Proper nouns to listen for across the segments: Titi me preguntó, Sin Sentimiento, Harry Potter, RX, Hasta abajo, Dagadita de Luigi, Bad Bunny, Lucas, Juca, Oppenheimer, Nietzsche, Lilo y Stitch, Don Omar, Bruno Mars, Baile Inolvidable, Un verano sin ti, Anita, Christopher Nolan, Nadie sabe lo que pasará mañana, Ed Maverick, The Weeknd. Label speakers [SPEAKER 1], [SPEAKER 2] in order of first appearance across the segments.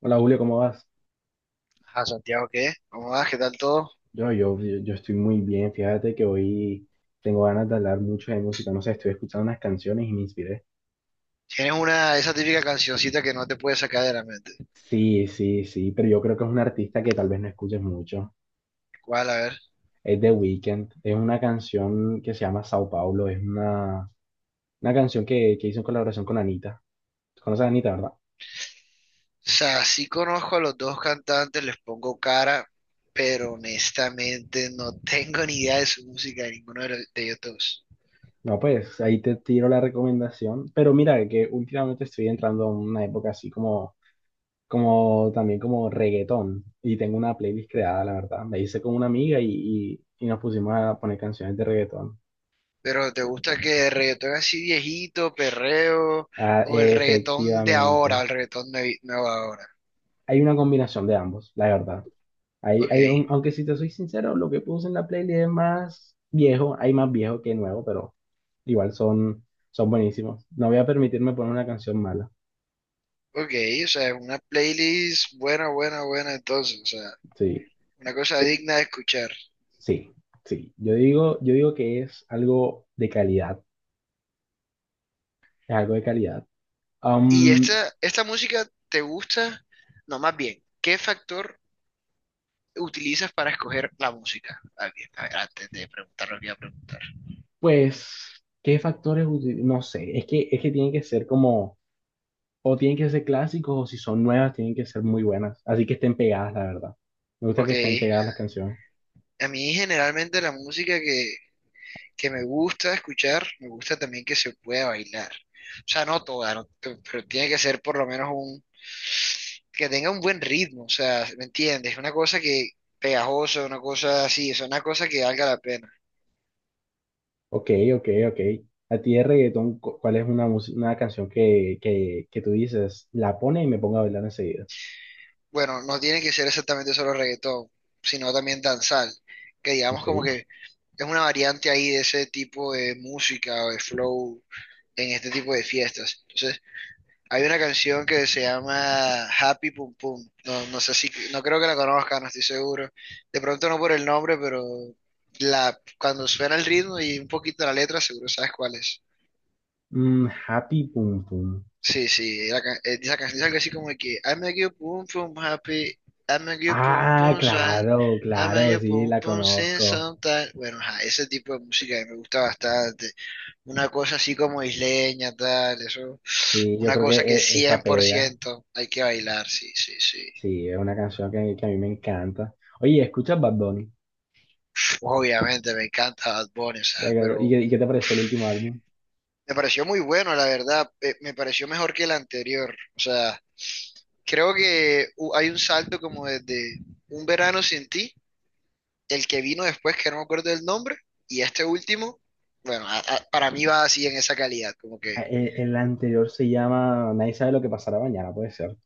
[SPEAKER 1] Hola Julio, ¿cómo vas?
[SPEAKER 2] Ah, Santiago, ¿qué? ¿Cómo vas? ¿Qué tal todo?
[SPEAKER 1] Yo estoy muy bien, fíjate que hoy tengo ganas de hablar mucho de música, no sé, estoy escuchando unas canciones y me inspiré.
[SPEAKER 2] Tienes una, esa típica cancioncita que no te puedes sacar de la mente.
[SPEAKER 1] Sí, sí, sí, pero yo creo que es un artista que tal vez no escuches mucho.
[SPEAKER 2] ¿Cuál? A ver.
[SPEAKER 1] Es The Weeknd, es una canción que se llama Sao Paulo, es una canción que hizo en colaboración con Anita. ¿Conoces a Anita, verdad?
[SPEAKER 2] O sea, sí conozco a los dos cantantes, les pongo cara, pero honestamente no tengo ni idea de su música, de ninguno de, de ellos dos.
[SPEAKER 1] No, pues ahí te tiro la recomendación, pero mira que últimamente estoy entrando en una época así como como también como reggaetón. Y tengo una playlist creada, la verdad. Me hice con una amiga y nos pusimos a poner canciones de reggaetón.
[SPEAKER 2] Pero ¿te gusta que el reggaetón así viejito, perreo,
[SPEAKER 1] Ah,
[SPEAKER 2] o el reggaetón de ahora,
[SPEAKER 1] efectivamente.
[SPEAKER 2] el reggaetón nuevo ahora?
[SPEAKER 1] Hay una combinación de ambos, la verdad.
[SPEAKER 2] Ok,
[SPEAKER 1] Aunque si te soy sincero, lo que puse en la playlist es más viejo. Hay más viejo que nuevo, pero igual son buenísimos. No voy a permitirme poner una canción mala.
[SPEAKER 2] ok, o sea, una playlist buena, buena, buena entonces, o sea,
[SPEAKER 1] Sí,
[SPEAKER 2] una cosa digna de escuchar.
[SPEAKER 1] sí, sí. Yo digo que es algo de calidad. Es algo de calidad.
[SPEAKER 2] ¿Y esta música te gusta? No, más bien, ¿qué factor utilizas para escoger la música? Ah, bien, a ver, antes de preguntar lo que iba a preguntar.
[SPEAKER 1] Pues, no sé, es que tienen que ser como, o tienen que ser clásicos, o si son nuevas, tienen que ser muy buenas. Así que estén pegadas, la verdad. Me gusta que
[SPEAKER 2] Ok,
[SPEAKER 1] estén pegadas las canciones.
[SPEAKER 2] a mí generalmente la música que me gusta escuchar, me gusta también que se pueda bailar. O sea, no toda, no, pero tiene que ser por lo menos un, que tenga un buen ritmo, o sea, ¿me entiendes? Una cosa que pegajosa, una cosa así, o sea, una cosa que valga la pena.
[SPEAKER 1] Ok, ok, ok. A ti de reggaetón, ¿cuál es una canción que tú dices, la pone y me pongo a bailar enseguida?
[SPEAKER 2] Bueno, no tiene que ser exactamente solo reggaetón, sino también danzal, que digamos
[SPEAKER 1] Ok.
[SPEAKER 2] como que es una variante ahí de ese tipo de música o de flow en este tipo de fiestas. Entonces, hay una canción que se llama Happy Pum Pum. No, no sé si, no creo que la conozca, no estoy seguro. De pronto no por el nombre, pero la, cuando suena el ritmo y un poquito la letra, seguro sabes cuál es.
[SPEAKER 1] Mm, Happy Pum Pum.
[SPEAKER 2] Sí, sí, la esa canción es algo así como de que I'm a you pum pum happy, I'm a you pum
[SPEAKER 1] Ah,
[SPEAKER 2] pum sad,
[SPEAKER 1] claro,
[SPEAKER 2] I'm a
[SPEAKER 1] claro,
[SPEAKER 2] you
[SPEAKER 1] sí,
[SPEAKER 2] pum
[SPEAKER 1] la
[SPEAKER 2] pum sin
[SPEAKER 1] conozco.
[SPEAKER 2] sometimes. Bueno, ajá, ese tipo de música a mí me gusta bastante. Una cosa así como isleña, tal, eso.
[SPEAKER 1] Sí, yo
[SPEAKER 2] Una
[SPEAKER 1] creo que
[SPEAKER 2] cosa que
[SPEAKER 1] esa
[SPEAKER 2] cien por
[SPEAKER 1] pega.
[SPEAKER 2] ciento hay que bailar, sí, sí, sí.
[SPEAKER 1] Sí, es una canción que a mí me encanta. Oye, ¿escuchas Bad Bunny?
[SPEAKER 2] Obviamente me encanta Bad Bunny, o sea,
[SPEAKER 1] Like, ¿Y
[SPEAKER 2] pero
[SPEAKER 1] qué, y qué te
[SPEAKER 2] uf,
[SPEAKER 1] pareció el último álbum?
[SPEAKER 2] me pareció muy bueno, la verdad. Me pareció mejor que el anterior, o sea. Creo que hay un salto como desde Un verano sin ti, el que vino después, que no me acuerdo del nombre, y este último, bueno, para mí va así en esa calidad, como que
[SPEAKER 1] Ah, El anterior se llama Nadie sabe lo que pasará mañana, puede ser.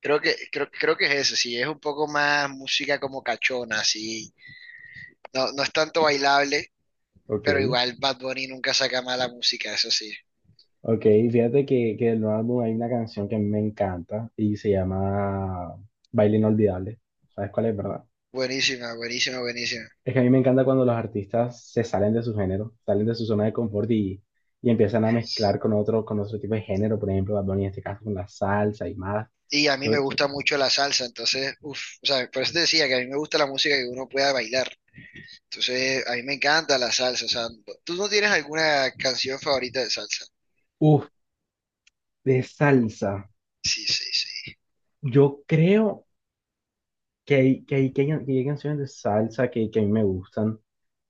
[SPEAKER 2] creo que es eso, sí, es un poco más música como cachona, así, no, no es tanto bailable,
[SPEAKER 1] Ok,
[SPEAKER 2] pero igual Bad Bunny nunca saca mala música, eso sí,
[SPEAKER 1] ok. Fíjate que del nuevo álbum hay una canción que a mí me encanta y se llama Baile Inolvidable. ¿Sabes cuál es, verdad?
[SPEAKER 2] buenísima, buenísima, buenísima.
[SPEAKER 1] Es que a mí me encanta cuando los artistas se salen de su género, salen de su zona de confort y empiezan a mezclar con otro tipo de género. Por ejemplo, Bad Bunny en este caso con la salsa y más.
[SPEAKER 2] Y a mí me
[SPEAKER 1] Entonces,
[SPEAKER 2] gusta mucho la salsa, entonces, uff, o sea, por eso te decía que a mí me gusta la música que uno pueda bailar. Entonces, a mí me encanta la salsa. O sea, ¿tú no tienes alguna canción favorita de salsa?
[SPEAKER 1] uf, de salsa.
[SPEAKER 2] Sí, sí, sí.
[SPEAKER 1] Yo creo que hay canciones de salsa que a mí me gustan.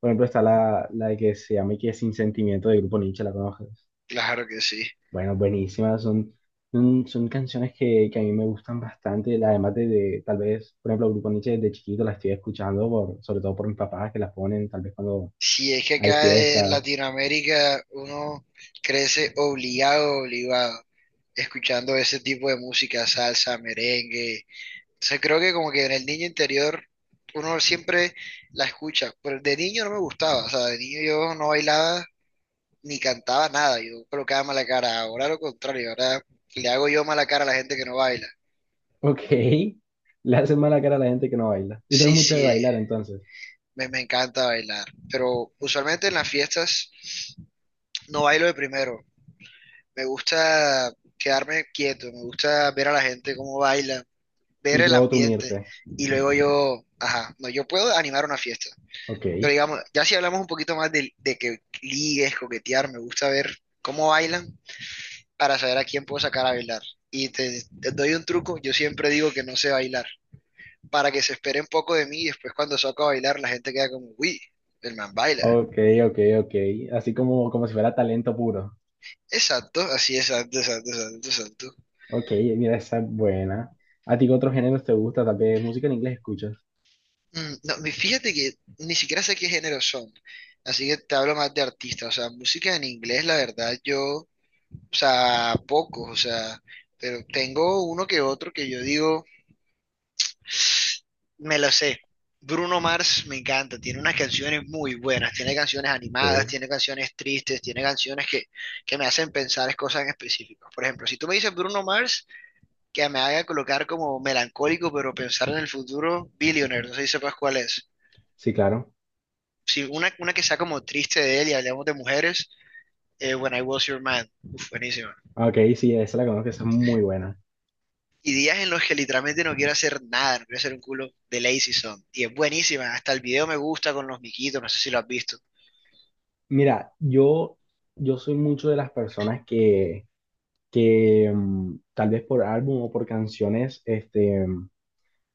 [SPEAKER 1] Por ejemplo, está la de que se llama y que es Sin Sentimiento del grupo Nietzsche, ¿la conoces?
[SPEAKER 2] Claro que sí.
[SPEAKER 1] Bueno, buenísima. Son canciones que a mí me gustan bastante. Además tal vez, por ejemplo, el grupo Nietzsche desde chiquito la estoy escuchando, por, sobre todo por mis papás que las ponen, tal vez cuando
[SPEAKER 2] Si es que
[SPEAKER 1] hay
[SPEAKER 2] acá en
[SPEAKER 1] fiestas.
[SPEAKER 2] Latinoamérica uno crece obligado, obligado, escuchando ese tipo de música, salsa, merengue. Entonces, creo que como que en el niño interior uno siempre la escucha. Pero de niño no me gustaba. O sea, de niño yo no bailaba ni cantaba nada. Yo colocaba mala cara. Ahora lo contrario. Ahora le hago yo mala cara a la gente que no baila.
[SPEAKER 1] Ok, le hacen mala cara a la gente que no baila. Y tú eres
[SPEAKER 2] Sí,
[SPEAKER 1] mucho de
[SPEAKER 2] sí,
[SPEAKER 1] bailar entonces.
[SPEAKER 2] me encanta bailar, pero usualmente en las fiestas no bailo de primero. Me gusta quedarme quieto, me gusta ver a la gente cómo baila,
[SPEAKER 1] Y
[SPEAKER 2] ver el
[SPEAKER 1] luego tú
[SPEAKER 2] ambiente
[SPEAKER 1] unirte.
[SPEAKER 2] y luego yo, ajá, no, yo puedo animar una fiesta.
[SPEAKER 1] Ok.
[SPEAKER 2] Pero digamos, ya si hablamos un poquito más de que ligues, coquetear, me gusta ver cómo bailan para saber a quién puedo sacar a bailar. Y te doy un truco, yo siempre digo que no sé bailar, para que se espere un poco de mí, y después cuando saco a bailar la gente queda como, uy, el man baila.
[SPEAKER 1] Ok, ok, ok. Así como, como si fuera talento puro.
[SPEAKER 2] Exacto, así, exacto, exacto, exacto, exacto.
[SPEAKER 1] Ok, mira, esa es buena. ¿A ti qué otros géneros te gusta? Tal vez música en inglés escuchas.
[SPEAKER 2] Mm, no, fíjate que ni siquiera sé qué género son, así que te hablo más de artistas, o sea, música en inglés, la verdad, yo, o sea, pocos, o sea, pero tengo uno que otro que yo digo... Me lo sé. Bruno Mars me encanta, tiene unas canciones muy buenas, tiene canciones
[SPEAKER 1] Ok,
[SPEAKER 2] animadas, tiene canciones tristes, tiene canciones que me hacen pensar en cosas en específico. Por ejemplo, si tú me dices Bruno Mars, que me haga colocar como melancólico, pero pensar en el futuro, Billionaire, no sé si sepas cuál es.
[SPEAKER 1] sí, claro.
[SPEAKER 2] Si una, una que sea como triste de él y hablamos de mujeres, When I Was Your Man, uf, buenísima.
[SPEAKER 1] Ah, ok, sí, esa la conozco, esa es muy buena.
[SPEAKER 2] Y días en los que literalmente no quiero hacer nada, no quiero hacer un culo de Lazy Song. Y es buenísima, hasta el video me gusta con los miquitos, no sé si lo has visto.
[SPEAKER 1] Mira, yo soy mucho de las personas que tal vez por álbum o por canciones,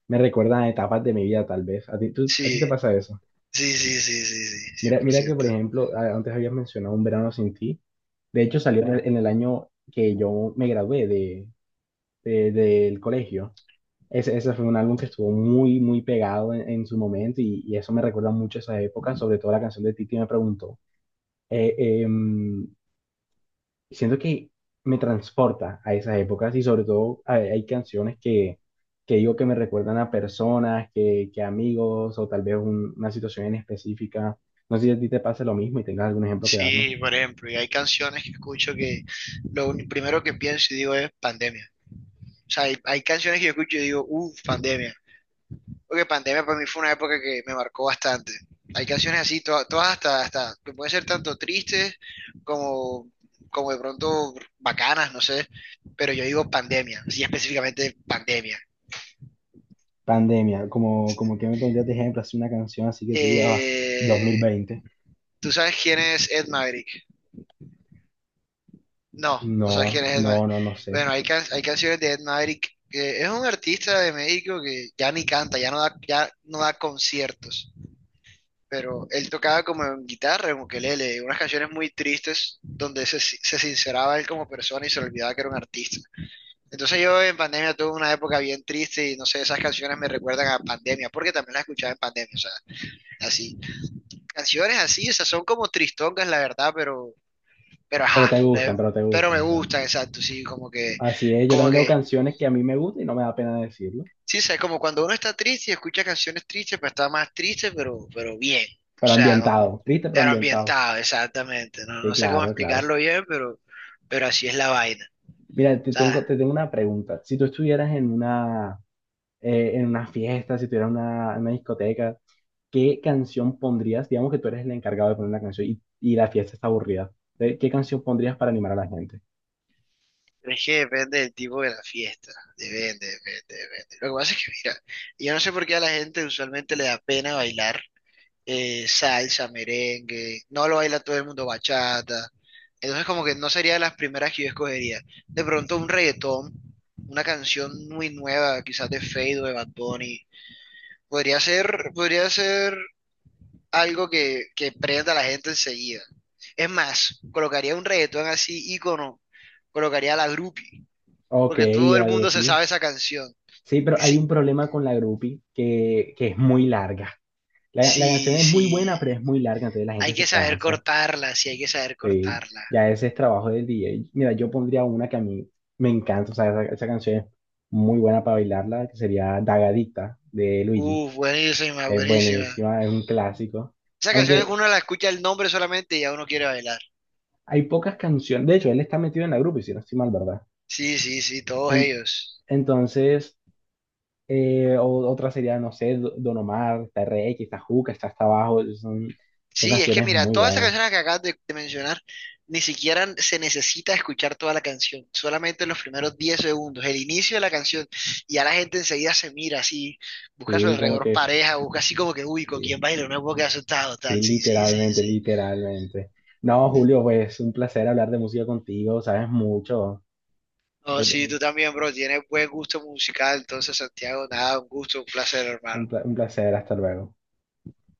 [SPEAKER 1] me recuerdan a etapas de mi vida, tal vez. ¿A ti, a ti te
[SPEAKER 2] Sí.
[SPEAKER 1] pasa eso?
[SPEAKER 2] Sí, sí, sí, sí, sí, cien
[SPEAKER 1] Mira,
[SPEAKER 2] por
[SPEAKER 1] mira que, por
[SPEAKER 2] ciento
[SPEAKER 1] ejemplo, antes habías mencionado Un verano sin ti. De hecho, salió en el año que yo me gradué del colegio. Ese fue un álbum que estuvo muy, muy pegado en su momento y eso me recuerda mucho a esa época, sobre todo la canción de Titi me preguntó. Eh, eh, Siento que me transporta a esas épocas y sobre todo hay canciones que digo que me recuerdan a personas, que amigos o tal vez una situación en específica. No sé si a ti te pasa lo mismo y tengas algún ejemplo que darme.
[SPEAKER 2] Sí, por ejemplo, y hay canciones que escucho que primero que pienso y digo es pandemia. O sea, hay canciones que yo escucho y digo, uff, pandemia. Porque pandemia para mí fue una época que me marcó bastante. Hay canciones así, todas hasta, hasta, que pueden ser tanto tristes como, como de pronto bacanas, no sé. Pero yo digo pandemia, sí, específicamente pandemia.
[SPEAKER 1] Pandemia, como, como que me pondrías de ejemplo, así una canción así que tú digas, "Ah,
[SPEAKER 2] Eh,
[SPEAKER 1] 2020."
[SPEAKER 2] ¿Tú sabes quién es Ed Maverick? No,
[SPEAKER 1] No,
[SPEAKER 2] no sabes quién es Ed
[SPEAKER 1] no,
[SPEAKER 2] Maverick.
[SPEAKER 1] no, no sé.
[SPEAKER 2] Bueno, hay, hay canciones de Ed Maverick, que es un artista de México que ya ni canta, ya no da, ya no da conciertos, pero él tocaba como en guitarra, en ukelele, unas canciones muy tristes donde se, se sinceraba él como persona y se olvidaba que era un artista. Entonces yo en pandemia tuve una época bien triste y no sé, esas canciones me recuerdan a pandemia, porque también las escuchaba en pandemia, o sea, así. Canciones así, esas son como tristongas, la verdad, pero
[SPEAKER 1] Pero
[SPEAKER 2] ajá,
[SPEAKER 1] te gustan, pero te
[SPEAKER 2] pero me
[SPEAKER 1] gustan. Ya.
[SPEAKER 2] gustan, exacto, sí,
[SPEAKER 1] Así es, yo
[SPEAKER 2] como
[SPEAKER 1] también tengo
[SPEAKER 2] que,
[SPEAKER 1] canciones que a mí me gustan y no me da pena decirlo.
[SPEAKER 2] sí, sabes, como cuando uno está triste y escucha canciones tristes, pues está más triste, pero bien, o
[SPEAKER 1] Pero
[SPEAKER 2] sea, no,
[SPEAKER 1] ambientado, triste pero
[SPEAKER 2] pero
[SPEAKER 1] ambientado.
[SPEAKER 2] ambientado, exactamente, no,
[SPEAKER 1] Sí,
[SPEAKER 2] no sé cómo
[SPEAKER 1] claro, claro.
[SPEAKER 2] explicarlo bien, pero así es la vaina,
[SPEAKER 1] Mira, te
[SPEAKER 2] ¿sabes?
[SPEAKER 1] tengo, te tengo una pregunta. Si tú estuvieras en una fiesta, si tuvieras una, en una discoteca, ¿qué canción pondrías? Digamos que tú eres el encargado de poner una canción y la fiesta está aburrida. ¿Qué qué canción pondrías para animar a la gente?
[SPEAKER 2] Es que depende del tipo de la fiesta, depende, depende, depende. Lo que pasa es que, mira, yo no sé por qué a la gente usualmente le da pena bailar salsa, merengue, no lo baila todo el mundo bachata. Entonces como que no sería de las primeras que yo escogería. De pronto un reggaetón, una canción muy nueva, quizás de Fade o de Bad Bunny. Podría ser algo que prenda a la gente enseguida. Es más, colocaría un reggaetón así, ícono, colocaría a la groupie,
[SPEAKER 1] Ok,
[SPEAKER 2] porque todo el
[SPEAKER 1] la
[SPEAKER 2] mundo se
[SPEAKER 1] groupie.
[SPEAKER 2] sabe esa canción.
[SPEAKER 1] Sí, pero hay
[SPEAKER 2] Sí,
[SPEAKER 1] un problema con la groupie que es muy larga. La canción
[SPEAKER 2] sí,
[SPEAKER 1] es muy
[SPEAKER 2] sí,
[SPEAKER 1] buena, pero es muy larga, entonces la
[SPEAKER 2] hay
[SPEAKER 1] gente
[SPEAKER 2] que
[SPEAKER 1] se
[SPEAKER 2] saber
[SPEAKER 1] cansa.
[SPEAKER 2] cortarla, sí, hay que saber
[SPEAKER 1] Sí,
[SPEAKER 2] cortarla.
[SPEAKER 1] ya ese es trabajo del DJ. Mira, yo pondría una que a mí me encanta, o sea, esa canción es muy buena para bailarla, que sería Dagadita de Luigi.
[SPEAKER 2] Buenísima,
[SPEAKER 1] Es
[SPEAKER 2] buenísima.
[SPEAKER 1] buenísima, es un clásico.
[SPEAKER 2] Esa canción es que
[SPEAKER 1] Aunque
[SPEAKER 2] uno la escucha el nombre solamente y ya uno quiere bailar.
[SPEAKER 1] hay pocas canciones, de hecho, él está metido en la grupo, y si no estoy mal, ¿verdad?
[SPEAKER 2] Sí, sí, sí, todos
[SPEAKER 1] En-
[SPEAKER 2] ellos.
[SPEAKER 1] entonces, otra sería, no sé, Don Omar, está RX, está Juca, está hasta abajo, son
[SPEAKER 2] Sí, es que
[SPEAKER 1] canciones
[SPEAKER 2] mira,
[SPEAKER 1] muy
[SPEAKER 2] todas esas
[SPEAKER 1] buenas.
[SPEAKER 2] canciones que acabas de mencionar, ni siquiera se necesita escuchar toda la canción, solamente los primeros 10 segundos, el inicio de la canción, y ya la gente enseguida se mira así, busca a su
[SPEAKER 1] Sí, como
[SPEAKER 2] alrededor
[SPEAKER 1] que,
[SPEAKER 2] pareja, busca así como que, uy, ¿con
[SPEAKER 1] sí.
[SPEAKER 2] quién baila? No puedo quedar asustado, tal.
[SPEAKER 1] Sí,
[SPEAKER 2] Sí, sí, sí,
[SPEAKER 1] literalmente,
[SPEAKER 2] sí.
[SPEAKER 1] literalmente. No, Julio, pues un placer hablar de música contigo, sabes mucho. Eh,
[SPEAKER 2] No, sí,
[SPEAKER 1] eh,
[SPEAKER 2] tú también, bro, tienes buen gusto musical, entonces, Santiago, nada, un gusto, un placer, hermano.
[SPEAKER 1] Un placer, hasta luego.